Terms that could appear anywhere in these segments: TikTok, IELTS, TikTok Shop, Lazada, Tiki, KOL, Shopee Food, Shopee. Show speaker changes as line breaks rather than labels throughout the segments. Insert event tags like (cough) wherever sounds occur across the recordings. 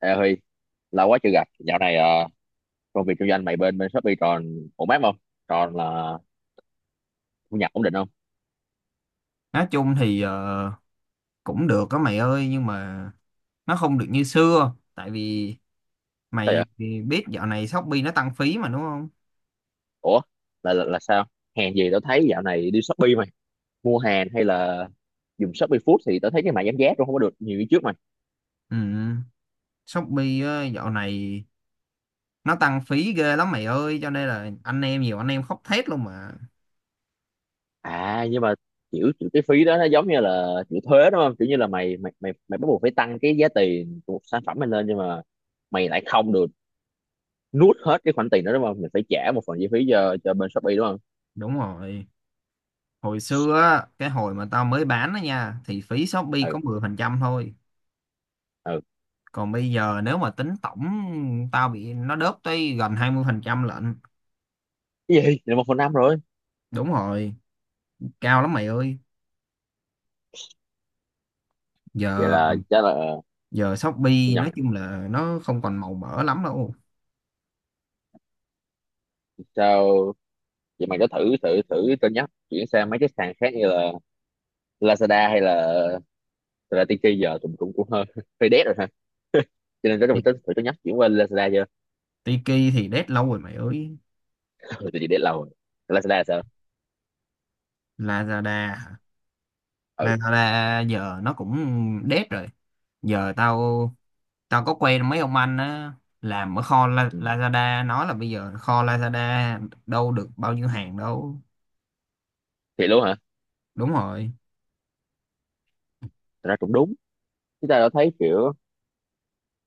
Ê Huy, lâu quá chưa gặp. Dạo này công việc kinh doanh mày bên bên Shopee còn ổn áp không? Còn là thu nhập ổn định không?
Nói chung thì cũng được đó mày ơi, nhưng mà nó không được như xưa, tại vì
Sao vậy?
mày thì biết dạo này Shopee nó tăng phí mà, đúng không?
Ủa, là sao? Hàng gì tao thấy dạo này đi Shopee mày, mua hàng hay là dùng Shopee Food thì tao thấy cái mã giảm giá cũng không có được nhiều như trước mày.
Ừ, Shopee á, dạo này nó tăng phí ghê lắm mày ơi, cho nên là anh em, nhiều anh em khóc thét luôn mà.
À nhưng mà kiểu cái phí đó nó giống như là kiểu thuế đúng không? Kiểu như là mày mày mày mày bắt buộc phải tăng cái giá tiền của một sản phẩm mày lên nhưng mà mày lại không được nuốt hết cái khoản tiền đó đúng không? Mình phải trả một phần chi phí cho bên Shopee đúng không?
Đúng rồi, hồi xưa á, cái hồi mà tao mới bán đó nha, thì phí Shopee
Ừ,
có 10% thôi.
ừ.
Còn bây giờ nếu mà tính tổng, tao bị nó đớp tới gần 20% lận.
Cái gì? Là một phần năm rồi.
Đúng rồi, cao lắm mày ơi.
Vậy
giờ
là chắc là
giờ
thu
Shopee
nhập
nói chung là nó không còn màu mỡ lắm đâu.
sao vậy? Mày có thử thử thử cân nhắc chuyển sang mấy cái sàn khác như là Lazada, hay là thật ra Tiki giờ tụi mình cũng cũng hơi (laughs) hơi dead rồi ha, cho nên
Ti-
có thử cân nhắc chuyển qua Lazada chưa?
Tiki thì dead lâu rồi mày ơi.
(laughs) Ừ, tự nhiên dead lâu rồi. Lazada sao?
Lazada hả?
Ừ.
Lazada giờ nó cũng dead rồi. Giờ tao tao có quen mấy ông anh á làm ở kho
Ừ.
Lazada, nói là bây giờ kho Lazada đâu được bao nhiêu hàng đâu.
Thì luôn hả?
Đúng rồi,
Thật ra cũng đúng, chúng ta đã thấy kiểu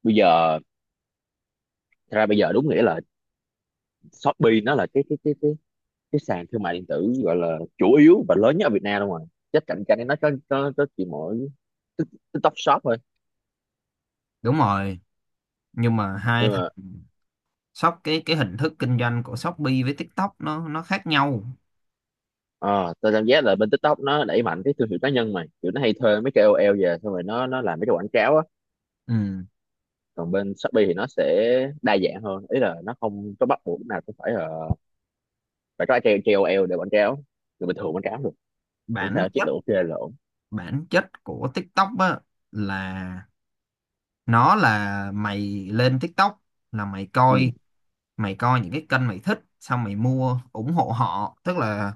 bây giờ, thật ra bây giờ đúng nghĩa là Shopee nó là cái sàn thương mại điện tử gọi là chủ yếu và lớn nhất ở Việt Nam luôn rồi, chắc cạnh tranh nó có chỉ mỗi Tik- TikTok Shop thôi.
đúng rồi, nhưng mà hai
Nhưng
thằng
mà
shop, cái hình thức kinh doanh của Shopee với TikTok nó khác nhau.
ờ, tao cảm giác là bên TikTok nó đẩy mạnh cái thương hiệu cá nhân mà kiểu nó hay thuê mấy cái KOL về xong rồi nó làm mấy cái quảng cáo á.
Ừ.
Còn bên Shopee thì nó sẽ đa dạng hơn, ý là nó không có bắt buộc lúc nào cũng phải là phải có cái KOL để quảng cáo, người bình thường quảng cáo được, miễn
bản
sao chất
chất
lượng ok là ổn.
bản chất của TikTok á, là nó là mày lên TikTok là mày
Ừ.
coi mày coi những cái kênh mày thích, xong mày mua ủng hộ họ, tức là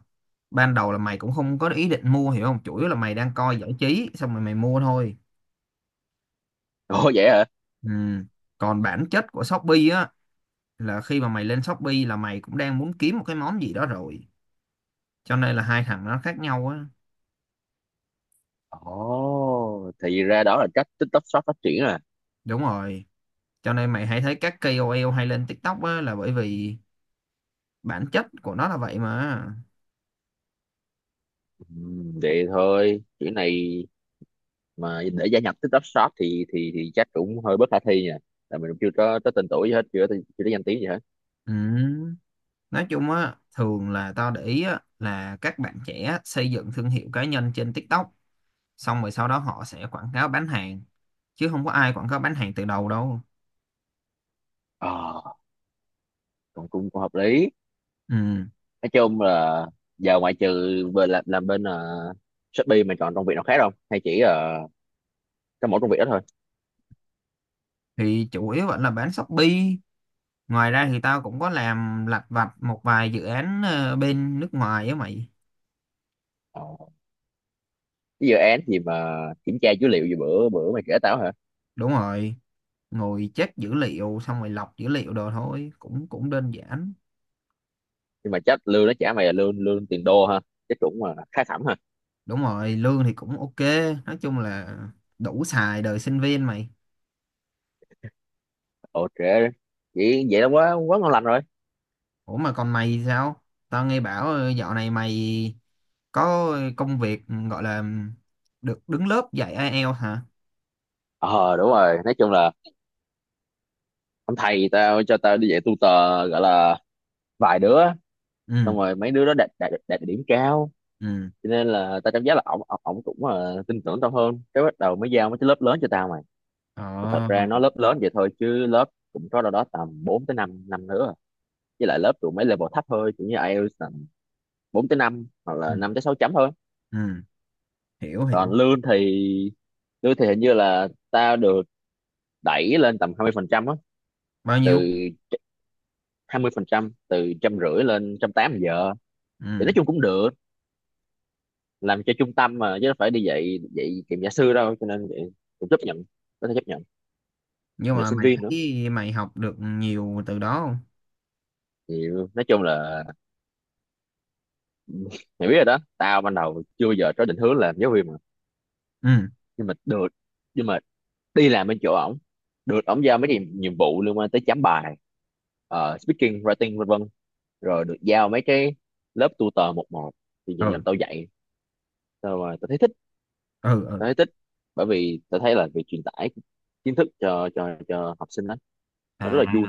ban đầu là mày cũng không có ý định mua, hiểu không, chủ yếu là mày đang coi giải trí xong rồi mày mua thôi.
Ồ (laughs) vậy hả?
Ừ. Còn bản chất của Shopee á, là khi mà mày lên Shopee là mày cũng đang muốn kiếm một cái món gì đó rồi, cho nên là hai thằng nó khác nhau á.
Ồ, thì ra đó là cách TikTok Shop phát triển à?
Đúng rồi, cho nên mày hãy thấy các KOL hay lên TikTok á là bởi vì bản chất của nó là vậy mà.
Ừ, vậy thôi kiểu này mà để gia nhập TikTok Shop thì chắc cũng hơi bất khả thi nha, là mình cũng chưa có tới tên tuổi gì hết, chưa có danh tiếng gì hết.
Ừ. Nói chung á, thường là tao để ý á, là các bạn trẻ xây dựng thương hiệu cá nhân trên TikTok, xong rồi sau đó họ sẽ quảng cáo bán hàng, chứ không có ai quảng cáo bán hàng từ đầu đâu.
Ờ, còn cũng hợp lý.
Ừ.
Nói chung là giờ ngoại trừ về làm bên Shopee mà chọn công việc nào khác không, hay chỉ cái mỗi công việc đó thôi?
Thì chủ yếu vẫn là bán Shopee, ngoài ra thì tao cũng có làm lặt vặt một vài dự án bên nước ngoài á mày.
Ờ, cái dự án gì mà kiểm tra dữ liệu gì bữa bữa mày kể tao hả?
Đúng rồi, ngồi check dữ liệu xong rồi lọc dữ liệu đồ thôi, cũng cũng đơn giản.
Nhưng mà chắc lương nó trả mày là lương lương tiền đô ha, chắc cũng mà khá khẩm ha?
Đúng rồi, lương thì cũng ok, nói chung là đủ xài đời sinh viên mày.
Ồ trễ, vậy vậy là quá quá ngon lành rồi.
Ủa mà còn mày thì sao? Tao nghe bảo dạo này mày có công việc gọi là được đứng lớp dạy IELTS hả?
Ờ đúng rồi, nói chung là ông thầy tao cho tao đi dạy tutor gọi là vài đứa,
Ừ,
xong rồi mấy đứa đó đạt đạt đạt điểm cao,
ừ.
cho nên là tao cảm giác là ổng ổng ổng cũng tin tưởng tao hơn, cái bắt đầu mới giao mấy cái lớp lớn cho tao mày. Mà thật
Ờ,
ra nó lớp lớn vậy thôi chứ lớp cũng có đâu đó tầm 4 tới 5 năm nữa à. Với lại lớp tụi mấy level thấp thôi, kiểu như IELTS tầm 4 tới 5 hoặc
ừ,
là 5 tới 6 chấm thôi.
ừ. Hiểu,
Còn
hiểu.
lương thì hình như là tao được đẩy lên tầm 20% á,
Bao
từ
nhiêu?
20% từ trăm rưỡi lên trăm tám giờ. Thì nói
Ừ.
chung cũng được, làm cho trung tâm mà chứ đâu phải đi dạy dạy kiểm gia sư đâu, cho nên vậy cũng chấp nhận, có thể chấp nhận,
Nhưng
mình là
mà
sinh
mày
viên nữa.
thấy mày học được nhiều từ đó không?
Hiểu. Nói chung là (laughs) mày biết rồi đó, tao ban đầu chưa bao giờ có định hướng làm giáo viên mà,
Ừ,
nhưng mà được nhưng mà đi làm bên chỗ ổng, được ổng giao mấy cái nhiệm vụ liên quan tới chấm bài, speaking writing vân vân, rồi được giao mấy cái lớp tutor một một, thì dần dần
ừ,
tao dạy, tao thấy thích.
ừ, ừ.
Tao thấy thích bởi vì tao thấy là việc truyền tải kiến thức cho học sinh đó, nó rất
À,
là vui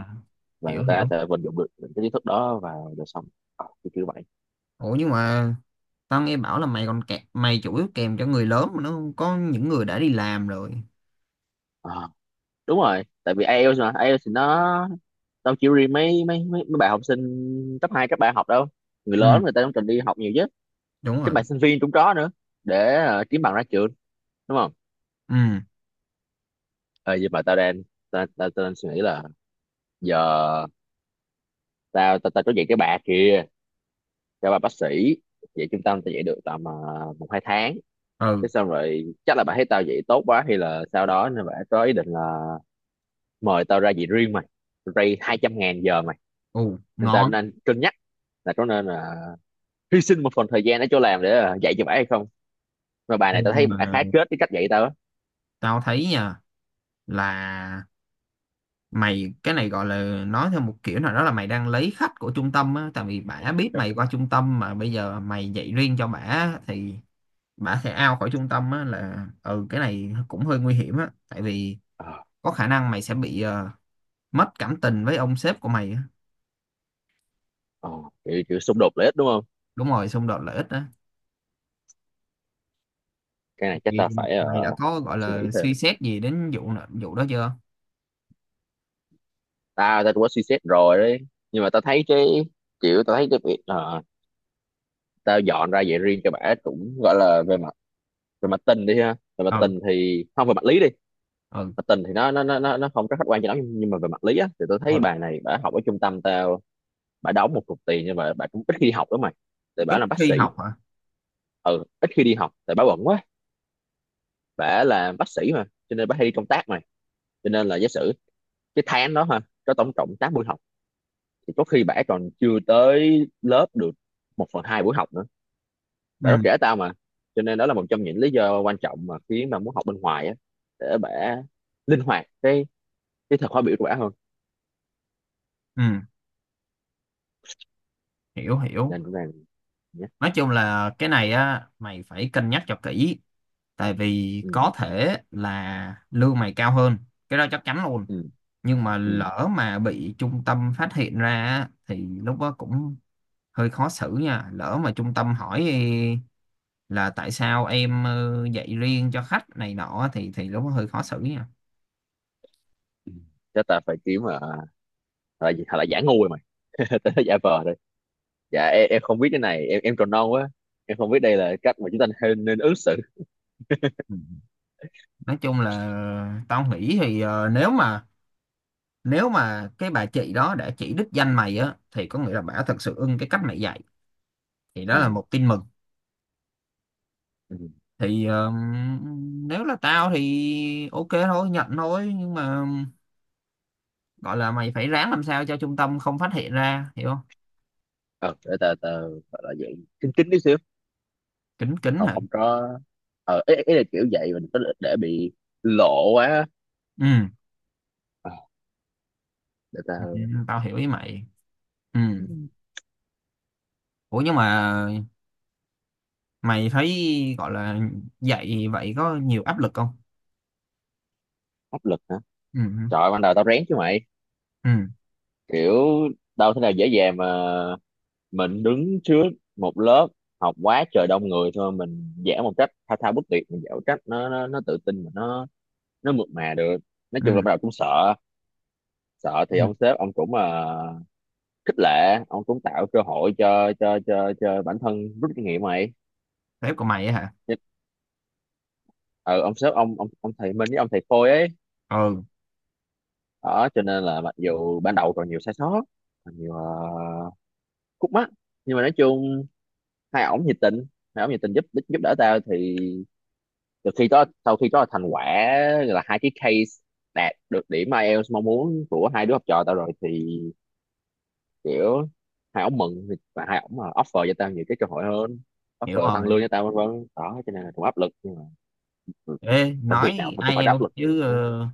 và
hiểu,
người ta
hiểu.
có thể vận dụng được những cái kiến thức đó vào đời sống. Ờ, kiểu kiểu vậy.
Ủa nhưng mà tao nghe bảo là mày còn kẹt, mày chủ yếu kèm cho người lớn mà, nó có những người đã đi làm rồi.
Ờ. Đúng rồi, tại vì IELTS mà, IELTS thì nó đâu chỉ riêng mấy bạn học sinh cấp 2 cấp 3 học đâu, người
Ừ,
lớn người ta cũng cần đi học nhiều chứ,
đúng
các
rồi.
bạn sinh viên cũng có nữa, để kiếm bằng ra trường đúng không?
Ừ,
Ờ, nhưng mà tao đang suy nghĩ là giờ tao tao tao có dạy cái bà kia, cho bà bác sĩ, dạy trung tâm tao dạy được tầm một hai tháng,
ừ.
thế xong rồi chắc là bà thấy tao dạy tốt quá hay là sau đó, nên bà có ý định là mời tao ra dạy riêng mày, ray hai trăm ngàn giờ mày.
Ồ,
Nên tao
ngon.
đang cân nhắc là có nên là hy sinh một phần thời gian để cho làm để dạy cho bả hay không, mà bài
Ê,
này tao
nhưng
thấy bả
mà
khá kết cái cách dạy tao á.
tao thấy nha, là mày cái này gọi là nói theo một kiểu nào đó là mày đang lấy khách của trung tâm á, tại vì bả biết mày qua trung tâm mà bây giờ mày dạy riêng cho bả thì bả sẽ out khỏi trung tâm á, là ừ cái này cũng hơi nguy hiểm á, tại vì
Ờ,
có khả năng mày sẽ bị mất cảm tình với ông sếp của mày á.
ờ, kiểu xung đột lợi ích đúng không?
Đúng rồi, xung đột lợi ích á.
Cái này chắc
Thì
tao phải
mày đã có gọi
suy nghĩ
là
thêm.
suy xét gì đến vụ đó chưa?
Tao tao cũng có suy xét rồi đấy, nhưng mà tao thấy cái kiểu, tao thấy cái việc tao dọn ra dạy riêng cho bả cũng gọi là về mặt, về mặt tình đi ha về mặt
Ừ,
tình thì không về mặt lý đi,
ừ,
mặt tình thì nó không có khách quan cho lắm nhưng mà về mặt lý á thì tao thấy
ừ.
bài này bả học ở trung tâm tao, bả đóng một cục tiền nhưng mà bả cũng ít khi đi học lắm mày, tại bả
Ít
làm bác
khi
sĩ.
học hả?
Ừ, ít khi đi học tại bả bận quá, bả là bác sĩ mà cho nên bả hay đi công tác mà, cho nên là giả sử cái tháng đó ha có tổng cộng 8 buổi học thì có khi bả còn chưa tới lớp được một phần hai buổi học nữa, bả có
Ừ,
kể tao mà. Cho nên đó là một trong những lý do quan trọng mà khiến mà muốn học bên ngoài á, để bả linh hoạt cái thời khóa biểu của bả hơn.
ừ. Hiểu, hiểu.
Nên cũng đang, nhé.
Nói chung là cái này á, mày phải cân nhắc cho kỹ, tại vì
ừ
có thể là lương mày cao hơn, cái đó chắc chắn luôn,
ừ
nhưng mà
ừ
lỡ mà bị trung tâm phát hiện ra á, thì lúc đó cũng hơi khó xử nha. Lỡ mà trung tâm hỏi là tại sao em dạy riêng cho khách này nọ, thì lúc đó hơi khó xử nha.
ừ Chắc ta phải kiếm mà là gì, hoặc là giả ngu rồi mày, (laughs) giả vờ đây, dạ em không biết cái này, em còn non quá, em không biết đây là cách mà chúng ta nên ứng xử.
Ừ. Nói chung là tao nghĩ thì nếu mà, nếu mà cái bà chị đó đã chỉ đích danh mày á thì có nghĩa là bà thật sự ưng cái cách mày dạy, thì đó là
Ừ.
một tin mừng.
Ừ.
Thì nếu là tao thì ok thôi, nhận thôi, nhưng mà gọi là mày phải ráng làm sao cho trung tâm không phát hiện ra, hiểu không?
Ờ, để tờ tờ gọi là vậy, kín kín tí xíu.
Kín kín
Không,
hả?
không có, ờ ý là kiểu vậy, mình có để bị lộ quá á.
Ừ.
Ờ, để
Ừ,
tờ.
tao hiểu ý mày. Ừ.
Ừ.
Ủa nhưng mà mày thấy, gọi là, dạy vậy có nhiều áp lực không?
Áp lực hả?
Ừ,
Trời ơi, ban đầu tao rén chứ mày,
ừ,
kiểu đâu thế nào dễ dàng mà, mình đứng trước một lớp học quá trời đông người thôi, mình vẽ một cách thao thao bất tuyệt, mình vẽ một cách nó tự tin mà nó mượt mà được. Nói chung là
ừ,
ban đầu cũng sợ, sợ
ừ.
thì ông sếp ông cũng khích lệ, ông cũng tạo cơ hội cho bản thân rút kinh nghiệm mày.
Sếp của mày á hả?
Nhất. Ừ, ông sếp ông ông thầy Minh với ông thầy Khôi ấy
Ừ.
đó, cho nên là mặc dù ban đầu còn nhiều sai sót, còn nhiều khúc mắc, nhưng mà nói chung hai ổng nhiệt tình hai ổng nhiệt tình giúp giúp đỡ tao. Thì từ khi có sau khi có thành quả là hai cái case đạt được điểm IELTS mong muốn của hai đứa học trò tao rồi thì kiểu hai ổng mừng, và hai ổng mà offer cho tao nhiều cái cơ hội hơn,
Hiểu
offer tăng
rồi.
lương cho tao vân vân đó, cho nên là cũng áp lực nhưng mà ừ,
Ê
công việc nào
nói
cũng phải có áp
IELTS
lực thì
chứ
mới-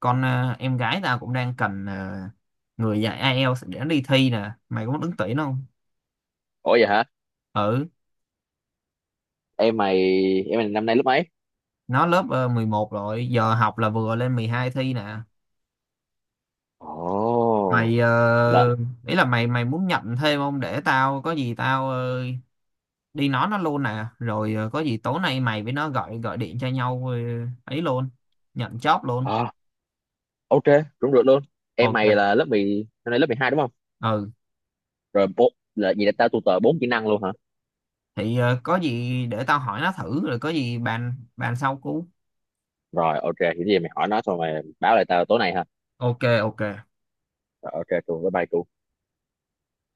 con em gái tao cũng đang cần người dạy IELTS để đi thi nè, mày có muốn ứng tuyển không?
Ủa vậy hả?
Ừ.
Em mày em mày năm nay lớp mấy?
Nó lớp 11 rồi, giờ học là vừa lên 12 thi nè
Ồ,
mày.
là,
Ờ, Ý là mày mày muốn nhận thêm không, để tao có gì tao đi nói nó luôn nè, rồi có gì tối nay mày với nó gọi gọi điện cho nhau, ấy luôn, nhận job luôn.
à, ok, đúng được luôn. Em mày
Ok.
là lớp 10 năm nay lớp 12 đúng không?
Ừ
Rồi bộ là gì, là tao tutor bốn kỹ năng luôn hả?
thì có gì để tao hỏi nó thử rồi có gì bàn bàn sau cú.
Rồi ok, thì cái gì mày hỏi nó xong mày báo lại tao tối nay ha.
Ok, ok.
Rồi ok, cùng với bài